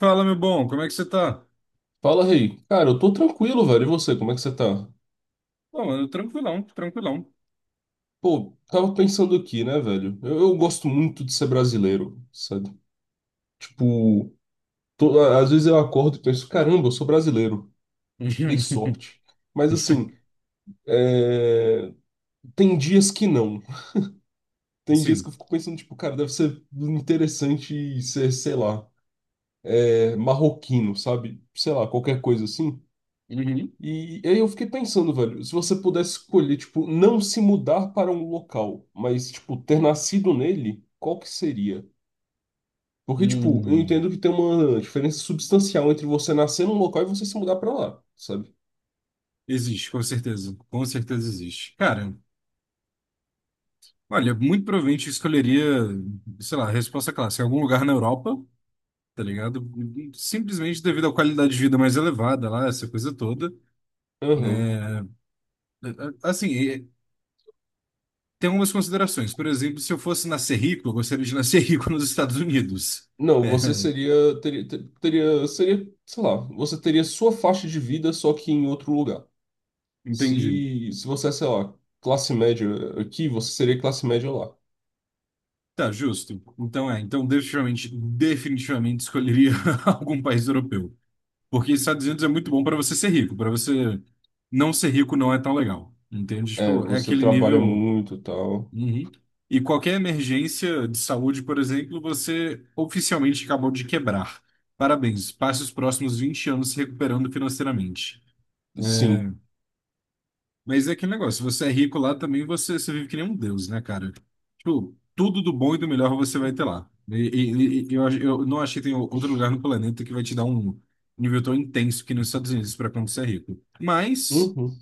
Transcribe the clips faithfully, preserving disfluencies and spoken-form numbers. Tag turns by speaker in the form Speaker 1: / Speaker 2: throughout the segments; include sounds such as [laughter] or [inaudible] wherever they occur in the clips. Speaker 1: Fala, meu bom, como é que você tá?
Speaker 2: Fala, Rei. Cara, eu tô tranquilo, velho. E você, como é que você tá?
Speaker 1: Bom, mano, tranquilão, tranquilão.
Speaker 2: Pô, tava pensando aqui, né, velho? Eu, eu gosto muito de ser brasileiro, sabe? Tipo, tô- a- às vezes eu acordo e penso, caramba, eu sou brasileiro. Dei
Speaker 1: [laughs]
Speaker 2: sorte. Mas assim, é, tem dias que não. Tem dias que
Speaker 1: Sim.
Speaker 2: eu fico pensando, tipo, cara, deve ser interessante ser, sei lá, é, marroquino, sabe? Sei lá, qualquer coisa assim.
Speaker 1: Uhum.
Speaker 2: E aí eu fiquei pensando, velho, se você pudesse escolher, tipo, não se mudar para um local, mas, tipo, ter nascido nele, qual que seria? Porque, tipo, eu
Speaker 1: Hum.
Speaker 2: entendo que tem uma diferença substancial entre você nascer num local e você se mudar para lá, sabe?
Speaker 1: Existe, com certeza. Com certeza existe. Cara, olha, muito provavelmente eu escolheria, sei lá, a resposta clássica, algum lugar na Europa, tá ligado? Simplesmente devido à qualidade de vida mais elevada lá, essa coisa toda.
Speaker 2: Aham.
Speaker 1: Né? Assim, eh, tem algumas considerações. Por exemplo, se eu fosse nascer rico, eu gostaria de nascer [laughs] rico nos Estados Unidos.
Speaker 2: Não, você
Speaker 1: É,
Speaker 2: seria, teria, ter- teria, seria, sei lá, você teria sua faixa de vida, só que em outro lugar.
Speaker 1: entendi.
Speaker 2: Se, se você é, sei lá, classe média aqui, você seria classe média lá.
Speaker 1: Tá, justo. Então é, então definitivamente, definitivamente escolheria [laughs] algum país europeu. Porque Estados Unidos é muito bom para você ser rico, para você não ser rico não é tão legal. Entende?
Speaker 2: É,
Speaker 1: Tipo, é
Speaker 2: você
Speaker 1: aquele
Speaker 2: trabalha
Speaker 1: nível.
Speaker 2: muito e tal.
Speaker 1: Uhum. E qualquer emergência de saúde, por exemplo, você oficialmente acabou de quebrar. Parabéns, passe os próximos vinte anos se recuperando financeiramente.
Speaker 2: Sim.
Speaker 1: Mas é aquele negócio, se você é rico lá também, você, você vive que nem um deus, né, cara? Tipo, tudo do bom e do melhor você vai ter lá. E, e- e- e eu, ach- eu não achei que tem outro lugar no planeta que vai te dar um nível tão intenso que nos Estados Unidos para quando você é rico. Mas.
Speaker 2: Uhum.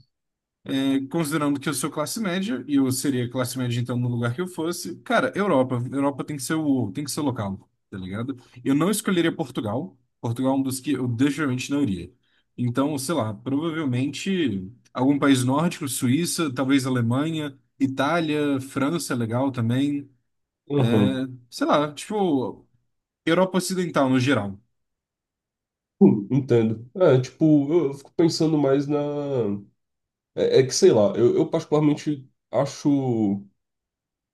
Speaker 1: Considerando que eu sou classe média, e eu seria classe média então no lugar que eu fosse, cara, Europa. Europa tem que ser o, tem que ser o local, tá ligado? Eu não escolheria Portugal. Portugal é um dos que eu definitivamente não iria. Então, sei lá, provavelmente algum país nórdico, Suíça, talvez Alemanha, Itália, França é legal também.
Speaker 2: Aham.
Speaker 1: Sei lá, tipo, Europa Ocidental no geral.
Speaker 2: Hum, entendo. É, tipo, eu, eu fico pensando mais na. É, é que sei lá, eu, eu particularmente acho.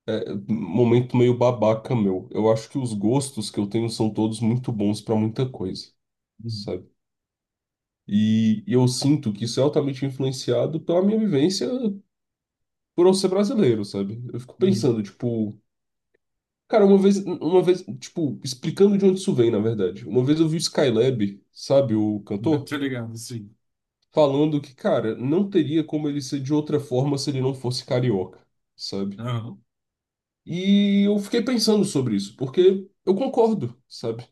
Speaker 2: É, um momento meio babaca meu. Eu acho que os gostos que eu tenho são todos muito bons pra muita coisa,
Speaker 1: Uhum.
Speaker 2: sabe? E, e eu sinto que isso é altamente influenciado pela minha vivência por eu ser brasileiro, sabe? Eu fico
Speaker 1: Uhum.
Speaker 2: pensando, tipo. Cara, uma vez, uma vez, tipo, explicando de onde isso vem, na verdade. Uma vez eu vi o Skylab, sabe, o
Speaker 1: [laughs]
Speaker 2: cantor?
Speaker 1: Tá ligado, sim.
Speaker 2: Falando que, cara, não teria como ele ser de outra forma se ele não fosse carioca, sabe?
Speaker 1: Aham.
Speaker 2: E eu fiquei pensando sobre isso, porque eu concordo, sabe?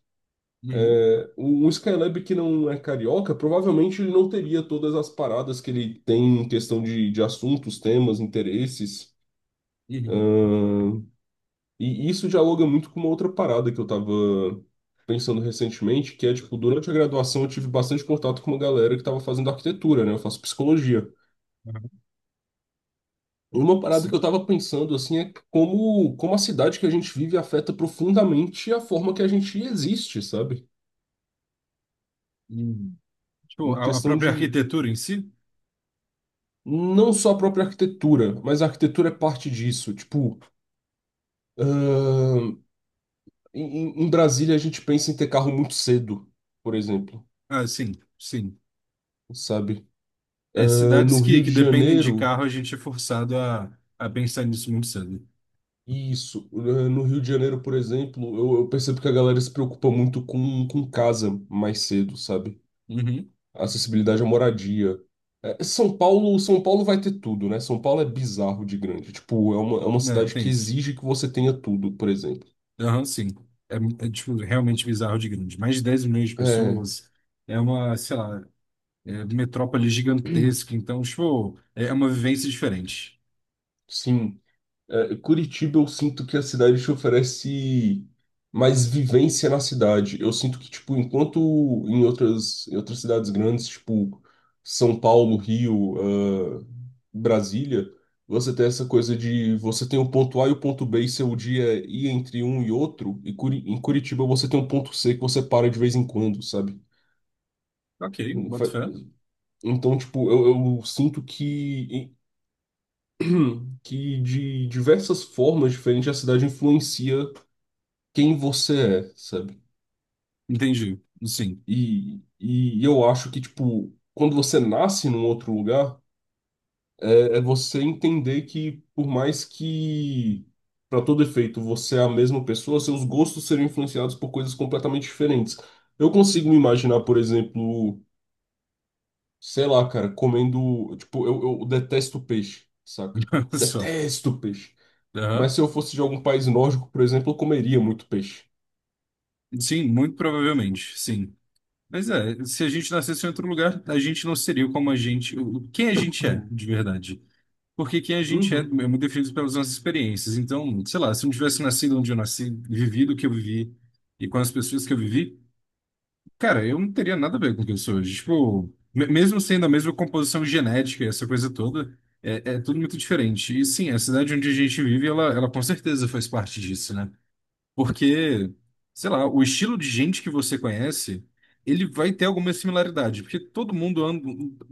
Speaker 1: Uhum.
Speaker 2: É, o o Skylab que não é carioca, provavelmente ele não teria todas as paradas que ele tem em questão de, de assuntos, temas, interesses.
Speaker 1: Uhum.
Speaker 2: ahn, e isso dialoga muito com uma outra parada que eu tava pensando recentemente, que é, tipo, durante a graduação eu tive bastante contato com uma galera que tava fazendo arquitetura, né? Eu faço psicologia.
Speaker 1: Aham.
Speaker 2: Uma parada que eu tava pensando assim é como, como, a cidade que a gente vive afeta profundamente a forma que a gente existe, sabe?
Speaker 1: Sim. Tipo,
Speaker 2: Em
Speaker 1: a, a
Speaker 2: questão
Speaker 1: própria
Speaker 2: de
Speaker 1: arquitetura em si?
Speaker 2: não só a própria arquitetura, mas a arquitetura é parte disso. Tipo, ahn, em, em Brasília a gente pensa em ter carro muito cedo, por exemplo,
Speaker 1: Ah, sim, sim.
Speaker 2: sabe?
Speaker 1: É,
Speaker 2: Ahn,
Speaker 1: cidades
Speaker 2: no Rio
Speaker 1: que,
Speaker 2: de
Speaker 1: que dependem de
Speaker 2: Janeiro.
Speaker 1: carro, a gente é forçado a, a pensar nisso muito cedo.
Speaker 2: Isso. Ahn, no Rio de Janeiro, por exemplo, eu, eu percebo que a galera se preocupa muito com, com, casa mais cedo, sabe?
Speaker 1: Uhum.
Speaker 2: Acessibilidade à moradia. É, São Paulo, São Paulo vai ter tudo, né? São Paulo é bizarro de grande. Tipo, é uma, é uma
Speaker 1: É,
Speaker 2: cidade
Speaker 1: tem
Speaker 2: que
Speaker 1: isso.
Speaker 2: exige que você tenha tudo, por exemplo.
Speaker 1: Aham, sim. É, é, tipo, realmente bizarro de grande. Mais de dez milhões de
Speaker 2: É,
Speaker 1: pessoas. É uma, sei lá, é metrópole gigantesca. Então, tipo, é é uma vivência diferente.
Speaker 2: sim. É, Curitiba, eu sinto que a cidade te oferece mais vivência na cidade. Eu sinto que, tipo, enquanto em outras, em outras, cidades grandes, tipo São Paulo, Rio, ah, Brasília, você tem essa coisa de você tem o ponto A e o ponto B e seu dia é ir entre um e outro, e Curi- em Curitiba você tem um ponto C que você para de vez em quando, sabe?
Speaker 1: Ok,
Speaker 2: Fa-
Speaker 1: boto fé.
Speaker 2: Então, tipo, eu, eu, sinto que, [clears throat] que de diversas formas diferentes a cidade influencia quem você é, sabe?
Speaker 1: Entendi. Sim.
Speaker 2: E, e eu acho que, tipo, quando você nasce num outro lugar, é, é você entender que, por mais que, para todo efeito, você é a mesma pessoa, seus gostos serão influenciados por coisas completamente diferentes. Eu consigo me imaginar, por exemplo, sei lá, cara, comendo. Tipo, eu, eu detesto peixe, saca?
Speaker 1: [laughs] Só.
Speaker 2: Detesto peixe.
Speaker 1: Aham.
Speaker 2: Mas se eu fosse de algum país nórdico, por exemplo, eu comeria muito peixe.
Speaker 1: Sim, muito provavelmente, sim. Mas é, se a gente nascesse em outro lugar, a gente não seria como a gente, o- quem a gente é,
Speaker 2: Uhum.
Speaker 1: de verdade. Porque quem a gente é é
Speaker 2: Uhum.
Speaker 1: muito definido pelas nossas experiências. Então, sei lá, se eu não tivesse nascido onde eu nasci, vivido o que eu vivi e com as pessoas que eu vivi, cara, eu não teria nada a ver com o que eu sou hoje. Tipo, me- mesmo sendo a mesma composição genética, e essa coisa toda, é, é tudo muito diferente. E sim, a cidade onde a gente vive, ela, ela com certeza faz parte disso, né? Porque, sei lá, o estilo de gente que você conhece, ele vai ter alguma similaridade, porque todo mundo anda,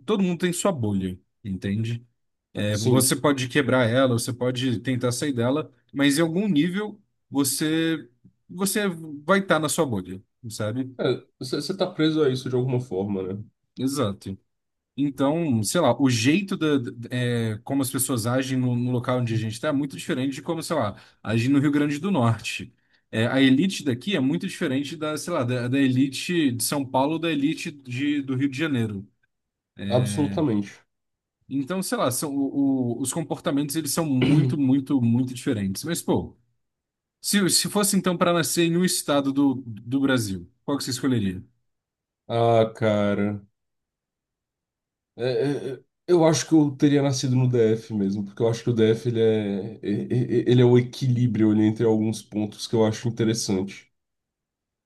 Speaker 1: todo mundo tem sua bolha, entende? É,
Speaker 2: Sim.
Speaker 1: você pode quebrar ela, você pode tentar sair dela, mas em algum nível você você vai estar na sua bolha, sabe?
Speaker 2: É, Você você tá preso a isso de alguma forma, né?
Speaker 1: Exato. Então, sei lá, o jeito da, da- é, como as pessoas agem no, no local onde a gente está é muito diferente de como, sei lá, agem no Rio Grande do Norte. É, a elite daqui é muito diferente da, sei lá, da, da elite de São Paulo, da elite de, do Rio de Janeiro.
Speaker 2: Absolutamente.
Speaker 1: Então, sei lá, são, o- o- os comportamentos eles são muito,
Speaker 2: [clears throat]
Speaker 1: muito, muito diferentes. Mas, pô, se, se fosse então para nascer em um estado do, do Brasil, qual que você escolheria?
Speaker 2: Ah, cara. É, é, é, eu acho que eu teria nascido no D F mesmo, porque eu acho que o D F ele é, e- e- ele é o equilíbrio ali entre alguns pontos que eu acho interessante. [clears throat]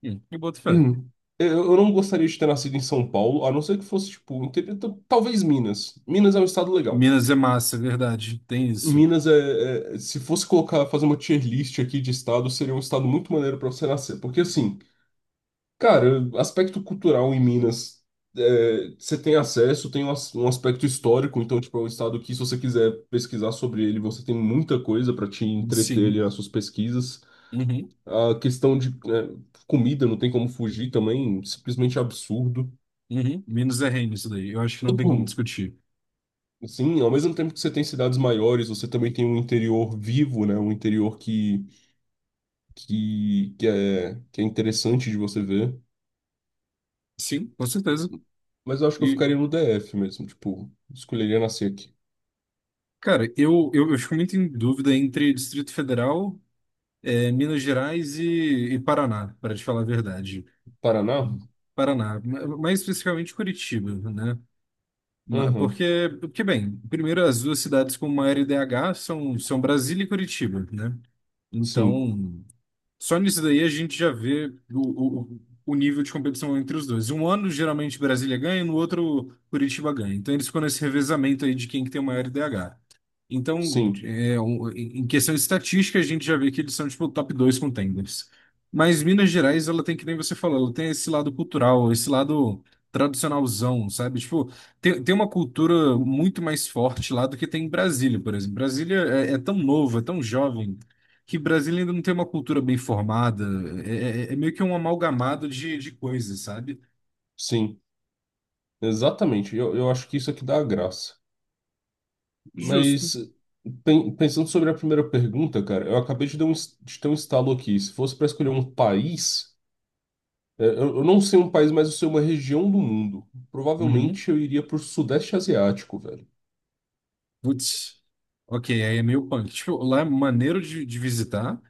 Speaker 1: Hum, eu boto fé.
Speaker 2: Hum. Eu eu não gostaria de ter nascido em São Paulo, a não ser que fosse, tipo, um interior- t- talvez Minas. Minas é um estado legal.
Speaker 1: Minas é massa, é verdade. Tem isso.
Speaker 2: Minas é, é- se fosse colocar, fazer uma tier list aqui de estado, seria um estado muito maneiro pra você nascer. Porque, assim, cara, aspecto cultural em Minas, é, você tem acesso, tem um, as- um aspecto histórico, então, tipo, é um estado que, se você quiser pesquisar sobre ele, você tem muita coisa para te entreter ali
Speaker 1: Sim.
Speaker 2: nas suas pesquisas.
Speaker 1: Uhum.
Speaker 2: A questão de, é, comida, não tem como fugir também, simplesmente absurdo.
Speaker 1: Uhum. Minos é reino isso daí. Eu acho que não
Speaker 2: [clears throat]
Speaker 1: tem como
Speaker 2: Bom,
Speaker 1: discutir.
Speaker 2: sim, ao mesmo tempo que você tem cidades maiores, você também tem um interior vivo, né? Um interior que, que, que é, que é interessante de você ver.
Speaker 1: Sim, com certeza.
Speaker 2: Mas eu acho que eu
Speaker 1: E,
Speaker 2: ficaria no D F mesmo, tipo, escolheria nascer aqui.
Speaker 1: cara, eu, eu, eu fico muito em dúvida entre Distrito Federal, eh, Minas Gerais e, e Paraná, para te falar a verdade.
Speaker 2: Paraná?
Speaker 1: Paraná, ma- mais especificamente Curitiba, né? Ma-
Speaker 2: Aham,
Speaker 1: Porque, porque, bem, primeiro as duas cidades com maior I D H são, são Brasília e Curitiba, né?
Speaker 2: sim,
Speaker 1: Então. Só nisso daí a gente já vê o, o, o nível de competição entre os dois. Um ano, geralmente, Brasília ganha, no outro, Curitiba ganha. Então, eles ficam nesse revezamento aí de quem que tem o maior I D H. Então,
Speaker 2: sim,
Speaker 1: é, um- em em questão de estatística, a gente já vê que eles são, tipo, top dois contenders. Mas Minas Gerais, ela tem, que nem você falou, ela tem esse lado cultural, esse lado tradicionalzão, sabe? Tipo, tem, tem uma cultura muito mais forte lá do que tem em Brasília, por exemplo. Brasília é, é tão novo, é tão jovem, que Brasília ainda não tem uma cultura bem formada. É, é- é meio que um amalgamado de, de coisas, sabe?
Speaker 2: sim, exatamente. Eu, eu acho que isso aqui dá a graça.
Speaker 1: Justo.
Speaker 2: Mas pen- pensando sobre a primeira pergunta, cara, eu acabei de dar um es- de ter um estalo aqui. Se fosse para escolher um país, é, eu, eu, não sei um país, mas eu sei uma região do mundo.
Speaker 1: Uhum.
Speaker 2: Provavelmente eu iria pro Sudeste Asiático, velho.
Speaker 1: Putz. Ok, aí é meio punk. Tipo, lá é maneiro de, de visitar,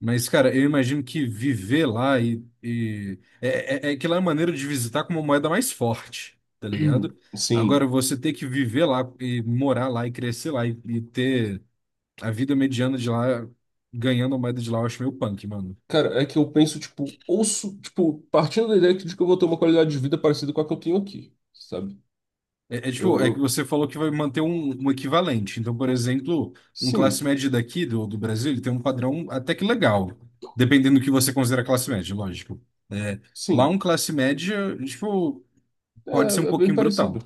Speaker 1: mas, cara, eu imagino que viver lá e, e- é, é, é que lá é maneiro de visitar com uma moeda mais forte, tá ligado?
Speaker 2: [clears throat]
Speaker 1: Agora,
Speaker 2: Sim.
Speaker 1: você ter que viver lá e morar lá e crescer lá e, e ter a vida mediana de lá ganhando a moeda de lá, eu acho meio punk, mano.
Speaker 2: Cara, é que eu penso, tipo, ouço, tipo, partindo da ideia de que eu vou ter uma qualidade de vida parecida com a que eu tenho aqui, sabe?
Speaker 1: É, é tipo,
Speaker 2: Eu,
Speaker 1: é que
Speaker 2: eu...
Speaker 1: você falou que vai manter um, um equivalente. Então, por exemplo, um classe
Speaker 2: Sim,
Speaker 1: média daqui do, do Brasil, ele tem um padrão até que legal, dependendo do que você considera classe média, lógico. É, lá
Speaker 2: sim.
Speaker 1: um classe média, tipo, pode ser um
Speaker 2: É, é bem
Speaker 1: pouquinho brutal.
Speaker 2: parecido.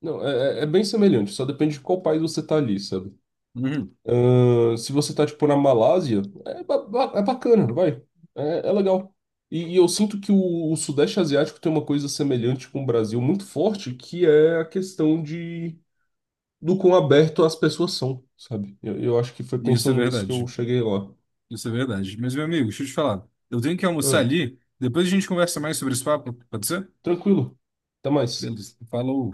Speaker 2: Não, é, é é bem semelhante, só depende de qual país você tá ali, sabe?
Speaker 1: Uhum,
Speaker 2: Ahn, se você tá, tipo, na Malásia, é, ba- ba- é bacana, vai. É, é legal. E, e eu sinto que o, o Sudeste Asiático tem uma coisa semelhante com o Brasil muito forte, que é a questão de do quão aberto as pessoas são, sabe? Eu, eu acho que foi
Speaker 1: isso é
Speaker 2: pensando nisso que eu
Speaker 1: verdade.
Speaker 2: cheguei lá.
Speaker 1: Isso é verdade. Mas, meu amigo, deixa eu te falar. Eu tenho que almoçar
Speaker 2: Ah,
Speaker 1: ali, depois a gente conversa mais sobre esse papo, pode ser?
Speaker 2: tranquilo. Até mais.
Speaker 1: Beleza. Falou.